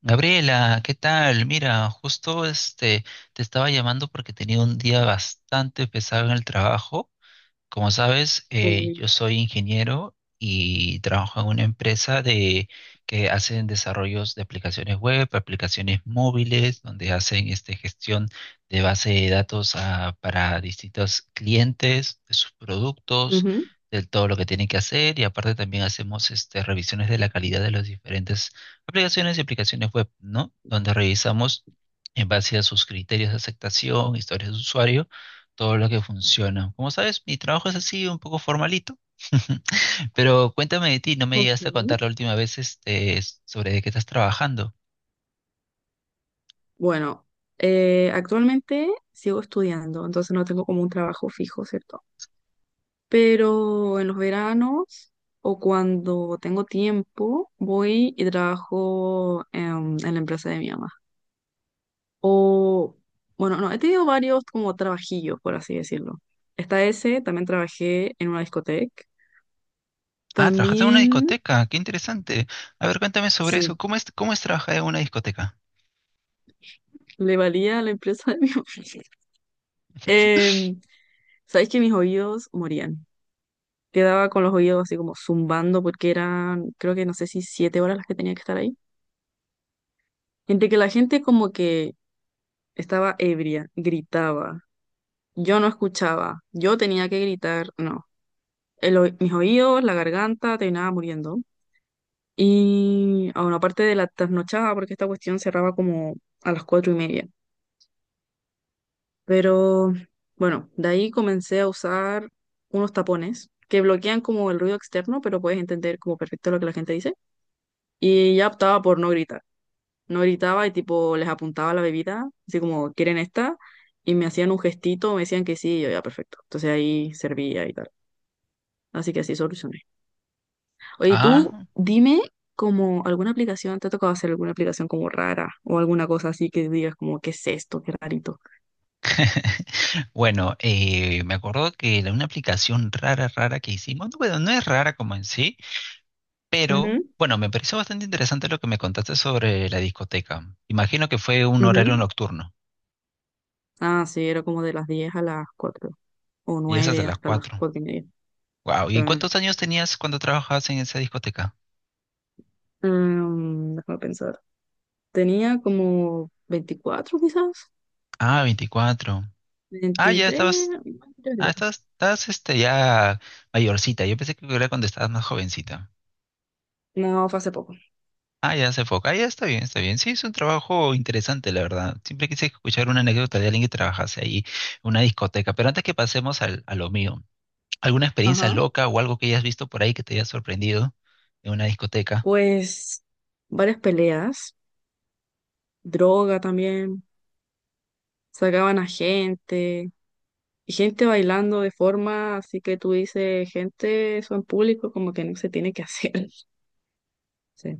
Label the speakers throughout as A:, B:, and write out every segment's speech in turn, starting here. A: Gabriela, ¿qué tal? Mira, justo te estaba llamando porque tenía un día bastante pesado en el trabajo. Como sabes,
B: Eh,
A: yo soy ingeniero y trabajo en una empresa que hacen desarrollos de aplicaciones web, aplicaciones móviles, donde hacen gestión de base de datos, ah, para distintos clientes, de sus productos,
B: Ujú,
A: de todo lo que tienen que hacer. Y aparte también hacemos revisiones de la calidad de las diferentes aplicaciones y aplicaciones web, ¿no? Donde revisamos en base a sus criterios de aceptación, historias de usuario, todo lo que funciona. Como sabes, mi trabajo es así, un poco formalito. Pero cuéntame de ti, no me
B: ok.
A: llegaste a contar la última vez sobre de qué estás trabajando.
B: Bueno, actualmente sigo estudiando, entonces no tengo como un trabajo fijo, ¿cierto? Pero en los veranos o cuando tengo tiempo, voy y trabajo en, la empresa de mi mamá. O, bueno, no, he tenido varios como trabajillos, por así decirlo. Está ese, también trabajé en una discoteca.
A: Ah, trabajaste en una
B: También,
A: discoteca, qué interesante. A ver, cuéntame sobre eso.
B: sí,
A: Cómo es trabajar en una discoteca?
B: le valía a la empresa de mi mamá. Em, Sabéis que mis oídos morían. Quedaba con los oídos así como zumbando porque eran, creo que no sé si 7 horas las que tenía que estar ahí. Entre que la gente como que estaba ebria, gritaba, yo no escuchaba, yo tenía que gritar, no. Mis oídos, la garganta, terminaba muriendo. Y aún aparte de la trasnochada, porque esta cuestión cerraba como a las 4:30. Pero bueno, de ahí comencé a usar unos tapones que bloquean como el ruido externo, pero puedes entender como perfecto lo que la gente dice. Y ya optaba por no gritar. No gritaba y tipo les apuntaba la bebida, así como, ¿quieren esta? Y me hacían un gestito, me decían que sí, y yo ya, perfecto. Entonces ahí servía y tal. Así que así solucioné. Oye, tú
A: Ah,
B: dime como alguna aplicación, ¿te ha tocado hacer alguna aplicación como rara o alguna cosa así que digas como, ¿qué es esto? Qué rarito.
A: bueno, me acuerdo que una aplicación rara, rara que hicimos, bueno, no es rara como en sí, pero bueno, me pareció bastante interesante lo que me contaste sobre la discoteca. Imagino que fue un
B: Ujú, ujú.
A: horario nocturno,
B: Ah, sí, era como de las 10 a las 4 o
A: y esas de
B: 9
A: las
B: hasta las
A: cuatro.
B: 4:30.
A: Wow,
B: Sí.
A: ¿y cuántos años tenías cuando trabajabas en esa discoteca?
B: Déjame pensar. Tenía como 24 quizás,
A: Ah, 24. Ah, ya
B: 23
A: estabas, ah,
B: 24.
A: estás, estás ya mayorcita. Yo pensé que era cuando estabas más jovencita.
B: No, fue hace poco.
A: Ah, ya se foca. Ah, ya está bien, está bien. Sí, es un trabajo interesante, la verdad. Siempre quise escuchar una anécdota de alguien que trabajase ahí en una discoteca. Pero antes que pasemos a lo mío, ¿alguna experiencia
B: Ajá.
A: loca o algo que hayas visto por ahí que te haya sorprendido en una discoteca?
B: Pues varias peleas, droga también, sacaban a gente, y gente bailando de forma así que tú dices, gente, eso en público como que no se tiene que hacer. Sí.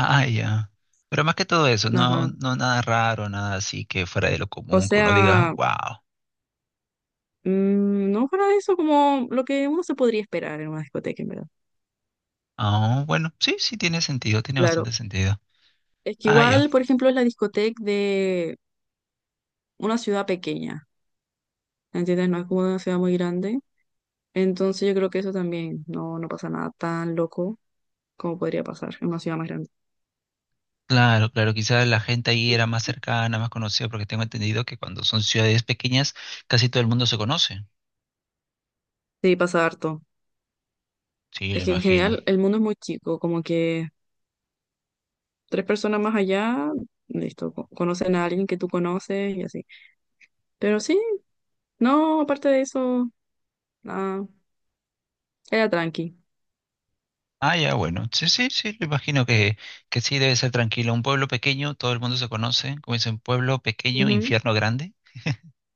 A: Ah, ya. Pero más que todo eso, no,
B: Ajá.
A: no nada raro, nada así que fuera de lo
B: O
A: común, que uno diga,
B: sea,
A: wow.
B: no para eso como lo que uno se podría esperar en una discoteca, en verdad.
A: Ah, bueno, sí, sí tiene sentido, tiene
B: Claro.
A: bastante sentido.
B: Es que
A: Ah, ya.
B: igual, por ejemplo, es la discoteca de una ciudad pequeña, ¿entiendes? No es como una ciudad muy grande. Entonces yo creo que eso también no, no pasa nada tan loco como podría pasar en una ciudad más grande.
A: Claro, claro, quizás la gente ahí era más cercana, más conocida, porque tengo entendido que cuando son ciudades pequeñas, casi todo el mundo se conoce.
B: Sí, pasa harto.
A: Sí, lo
B: Es que en
A: imagino.
B: general el mundo es muy chico, como que tres personas más allá, listo, conocen a alguien que tú conoces y así. Pero sí, no, aparte de eso, nada, era tranqui.
A: Ah, ya, bueno. Sí, sí, sí, lo imagino que sí debe ser tranquilo. Un pueblo pequeño, todo el mundo se conoce. Como dicen, pueblo pequeño,
B: Ujú,
A: infierno grande.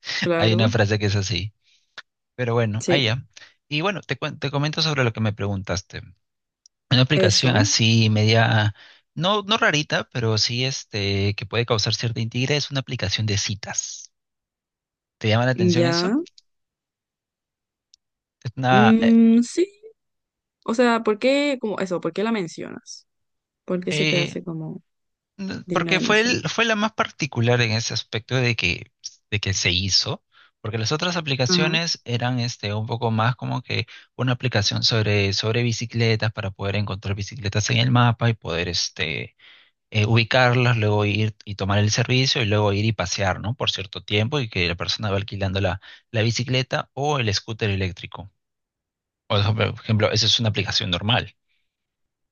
A: Hay una
B: claro,
A: frase que es así. Pero bueno, ahí
B: sí,
A: ya. Y bueno, te comento sobre lo que me preguntaste. Una aplicación
B: eso,
A: así media, no, no rarita, pero sí que puede causar cierta intriga es una aplicación de citas. ¿Te llama la atención eso?
B: ya.
A: Es una,
B: Mm, sí, o sea, ¿por qué, como eso, por qué la mencionas? ¿Por qué se te
A: eh,
B: hace como digna
A: porque
B: de
A: fue,
B: mencionar?
A: fue la más particular en ese aspecto de que se hizo, porque las otras
B: Ajá,
A: aplicaciones eran un poco más como que una aplicación sobre, sobre bicicletas para poder encontrar bicicletas en el mapa y poder ubicarlas, luego ir y tomar el servicio y luego ir y pasear, ¿no? Por cierto tiempo y que la persona va alquilando la bicicleta o el scooter eléctrico. Por ejemplo, esa es una aplicación normal.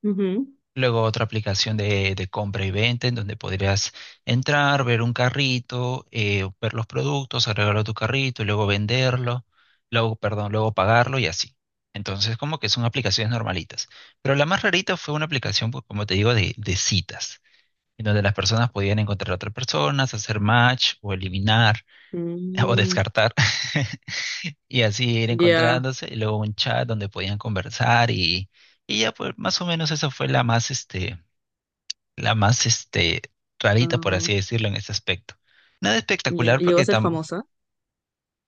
B: ujú,
A: Luego otra aplicación de compra y venta en donde podrías entrar, ver un carrito, ver los productos, agregarlo a tu carrito y luego venderlo, luego, perdón, luego pagarlo y así. Entonces, como que son aplicaciones normalitas. Pero la más rarita fue una aplicación, pues, como te digo, de citas en donde las personas podían encontrar a otras personas, hacer match o eliminar o
B: mm,
A: descartar y así ir
B: ya,
A: encontrándose y luego un chat donde podían conversar y ya pues más o menos esa fue la más rarita por así
B: ah,
A: decirlo en ese aspecto. Nada
B: ya.
A: espectacular
B: Llegó a
A: porque
B: ser
A: tam
B: famosa.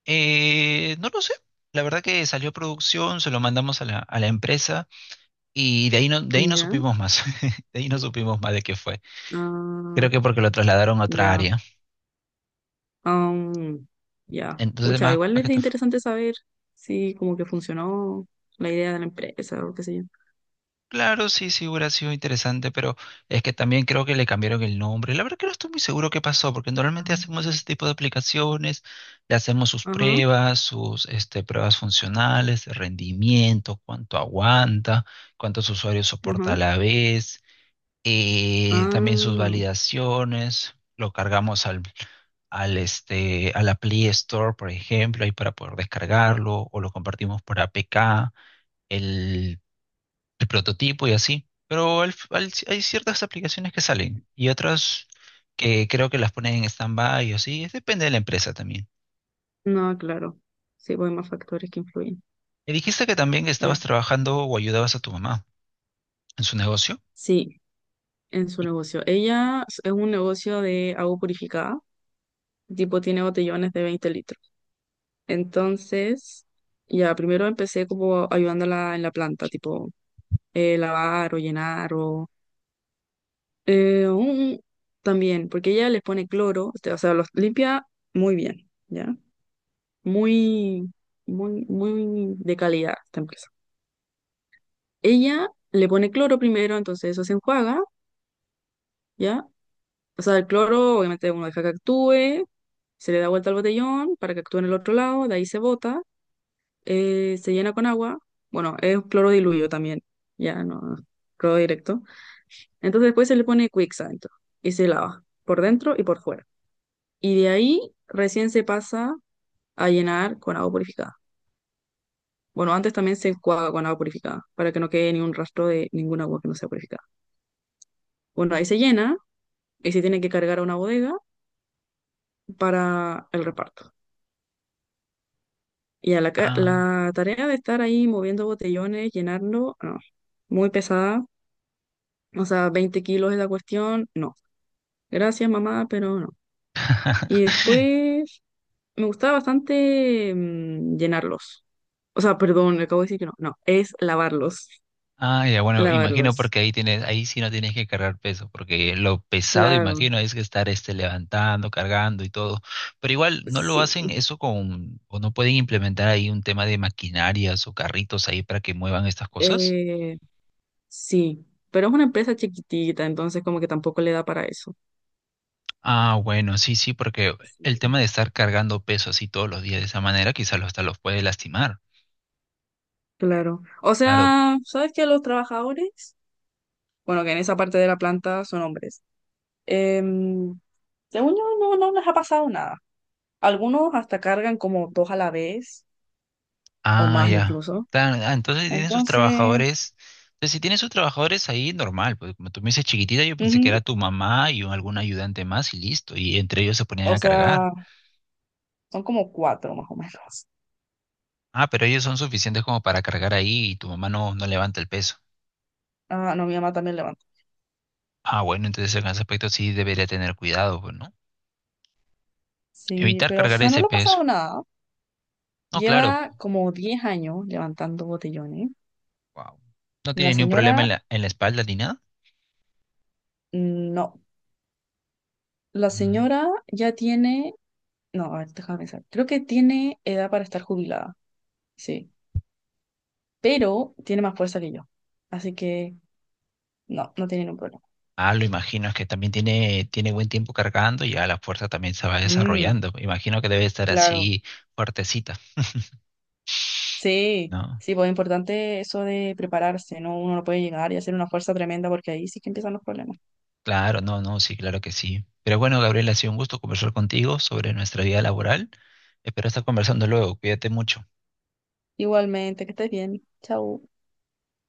A: no lo sé. La verdad que salió producción, se lo mandamos a a la empresa y de ahí no
B: Ya,
A: supimos más. De ahí no supimos más de qué fue.
B: ah,
A: Creo que porque lo trasladaron a otra
B: ya.
A: área.
B: am, ya.
A: Entonces,
B: Pucha,
A: más,
B: igual
A: más
B: es
A: que todo.
B: interesante saber si como que funcionó la idea de la empresa o qué sé yo.
A: Claro, sí, sí hubiera sido interesante, pero es que también creo que le cambiaron el nombre. La verdad que no estoy muy seguro qué pasó, porque normalmente
B: Ah,
A: hacemos ese tipo de aplicaciones, le hacemos sus
B: ajá,
A: pruebas, sus pruebas funcionales, de rendimiento, cuánto aguanta, cuántos usuarios soporta
B: ajá.
A: a la vez, también sus
B: Ah,
A: validaciones. Lo cargamos a la Play Store, por ejemplo, ahí para poder descargarlo, o lo compartimos por APK. El el prototipo y así. Pero hay ciertas aplicaciones que salen y otras que creo que las ponen en stand-by o así. Es. Depende de la empresa también.
B: no, claro. Sí, pues hay más factores que influyen.
A: Me dijiste que también
B: Eh,
A: estabas trabajando o ayudabas a tu mamá en su negocio.
B: sí, en su
A: Y-
B: negocio. Ella es un negocio de agua purificada. El tipo, tiene botellones de 20 litros. Entonces, ya primero empecé como ayudándola en la planta, tipo lavar o llenar o eh, un- también, porque ella les pone cloro, este, o sea, los limpia muy bien, ¿ya? Muy, muy, muy de calidad esta empresa. Ella le pone cloro primero, entonces eso se enjuaga, ¿ya? O sea, el cloro obviamente uno deja que actúe, se le da vuelta al botellón para que actúe en el otro lado, de ahí se bota se llena con agua, bueno, es cloro diluido también, ya no, cloro directo. Entonces después se le pone Quicks adentro y se lava por dentro y por fuera. Y de ahí recién se pasa a llenar con agua purificada. Bueno, antes también se enjuaga con agua purificada para que no quede ni un rastro de ningún agua que no sea purificada. Bueno, ahí se llena y se tiene que cargar a una bodega para el reparto. Y
A: ah.
B: la tarea de estar ahí moviendo botellones, llenarlo, no, muy pesada. O sea, 20 kilos es la cuestión, no. Gracias, mamá, pero no. Y después me gustaba bastante llenarlos. O sea, perdón, acabo de decir que no. No, es lavarlos.
A: Ah, ya, bueno, imagino
B: Lavarlos.
A: porque ahí tienes, ahí sí no tienes que cargar peso, porque lo pesado,
B: Claro,
A: imagino, es que estar levantando, cargando y todo. Pero igual no lo
B: sí.
A: hacen eso con, o no pueden implementar ahí un tema de maquinarias o carritos ahí para que muevan estas cosas.
B: Eh, sí, pero es una empresa chiquitita, entonces como que tampoco le da para eso.
A: Ah, bueno, sí, sí, porque el
B: Sí.
A: tema de estar cargando peso así todos los días de esa manera quizás hasta los puede lastimar.
B: Claro. O
A: Claro.
B: sea, ¿sabes que los trabajadores? Bueno, que en esa parte de la planta son hombres. Em, según yo, no, no les ha pasado nada. Algunos hasta cargan como dos a la vez o
A: Ah,
B: más
A: ya.
B: incluso.
A: Tan- ah, entonces si tienen sus
B: Entonces,
A: trabajadores. Entonces, si tienen sus trabajadores ahí, normal. Pues como tú me dices chiquitita, yo pensé que
B: ujú,
A: era tu mamá y un- algún ayudante más y listo. Y entre ellos se ponían
B: o
A: a cargar.
B: sea, son como cuatro más o menos.
A: Ah, pero ellos son suficientes como para cargar ahí y tu mamá no, no levanta el peso.
B: Ah, no, mi mamá también levanta.
A: Ah, bueno, entonces en ese aspecto sí debería tener cuidado, pues, ¿no?
B: Sí,
A: Evitar
B: pero, o
A: cargar
B: sea, no
A: ese
B: le ha
A: peso.
B: pasado nada.
A: No, claro.
B: Lleva como 10 años levantando botellones.
A: Wow. No
B: Y la
A: tiene ni un problema en
B: señora,
A: en la espalda ni nada.
B: mm, no. La
A: Mm.
B: señora ya tiene, no, a ver, déjame pensar. Creo que tiene edad para estar jubilada, sí. Pero tiene más fuerza que yo. Así que, no, no tiene ningún problema.
A: Ah, lo imagino, es que también tiene, tiene buen tiempo cargando y ya la fuerza también se va
B: Mm,
A: desarrollando. Imagino que debe estar
B: claro.
A: así fuertecita,
B: Sí,
A: ¿no?
B: sí, pues es importante eso de prepararse, ¿no? Uno no puede llegar y hacer una fuerza tremenda porque ahí sí que empiezan los problemas.
A: Claro, no, no, sí, claro que sí. Pero bueno, Gabriel, ha sido un gusto conversar contigo sobre nuestra vida laboral. Espero estar conversando luego. Cuídate mucho.
B: Igualmente, que estés bien. Chau.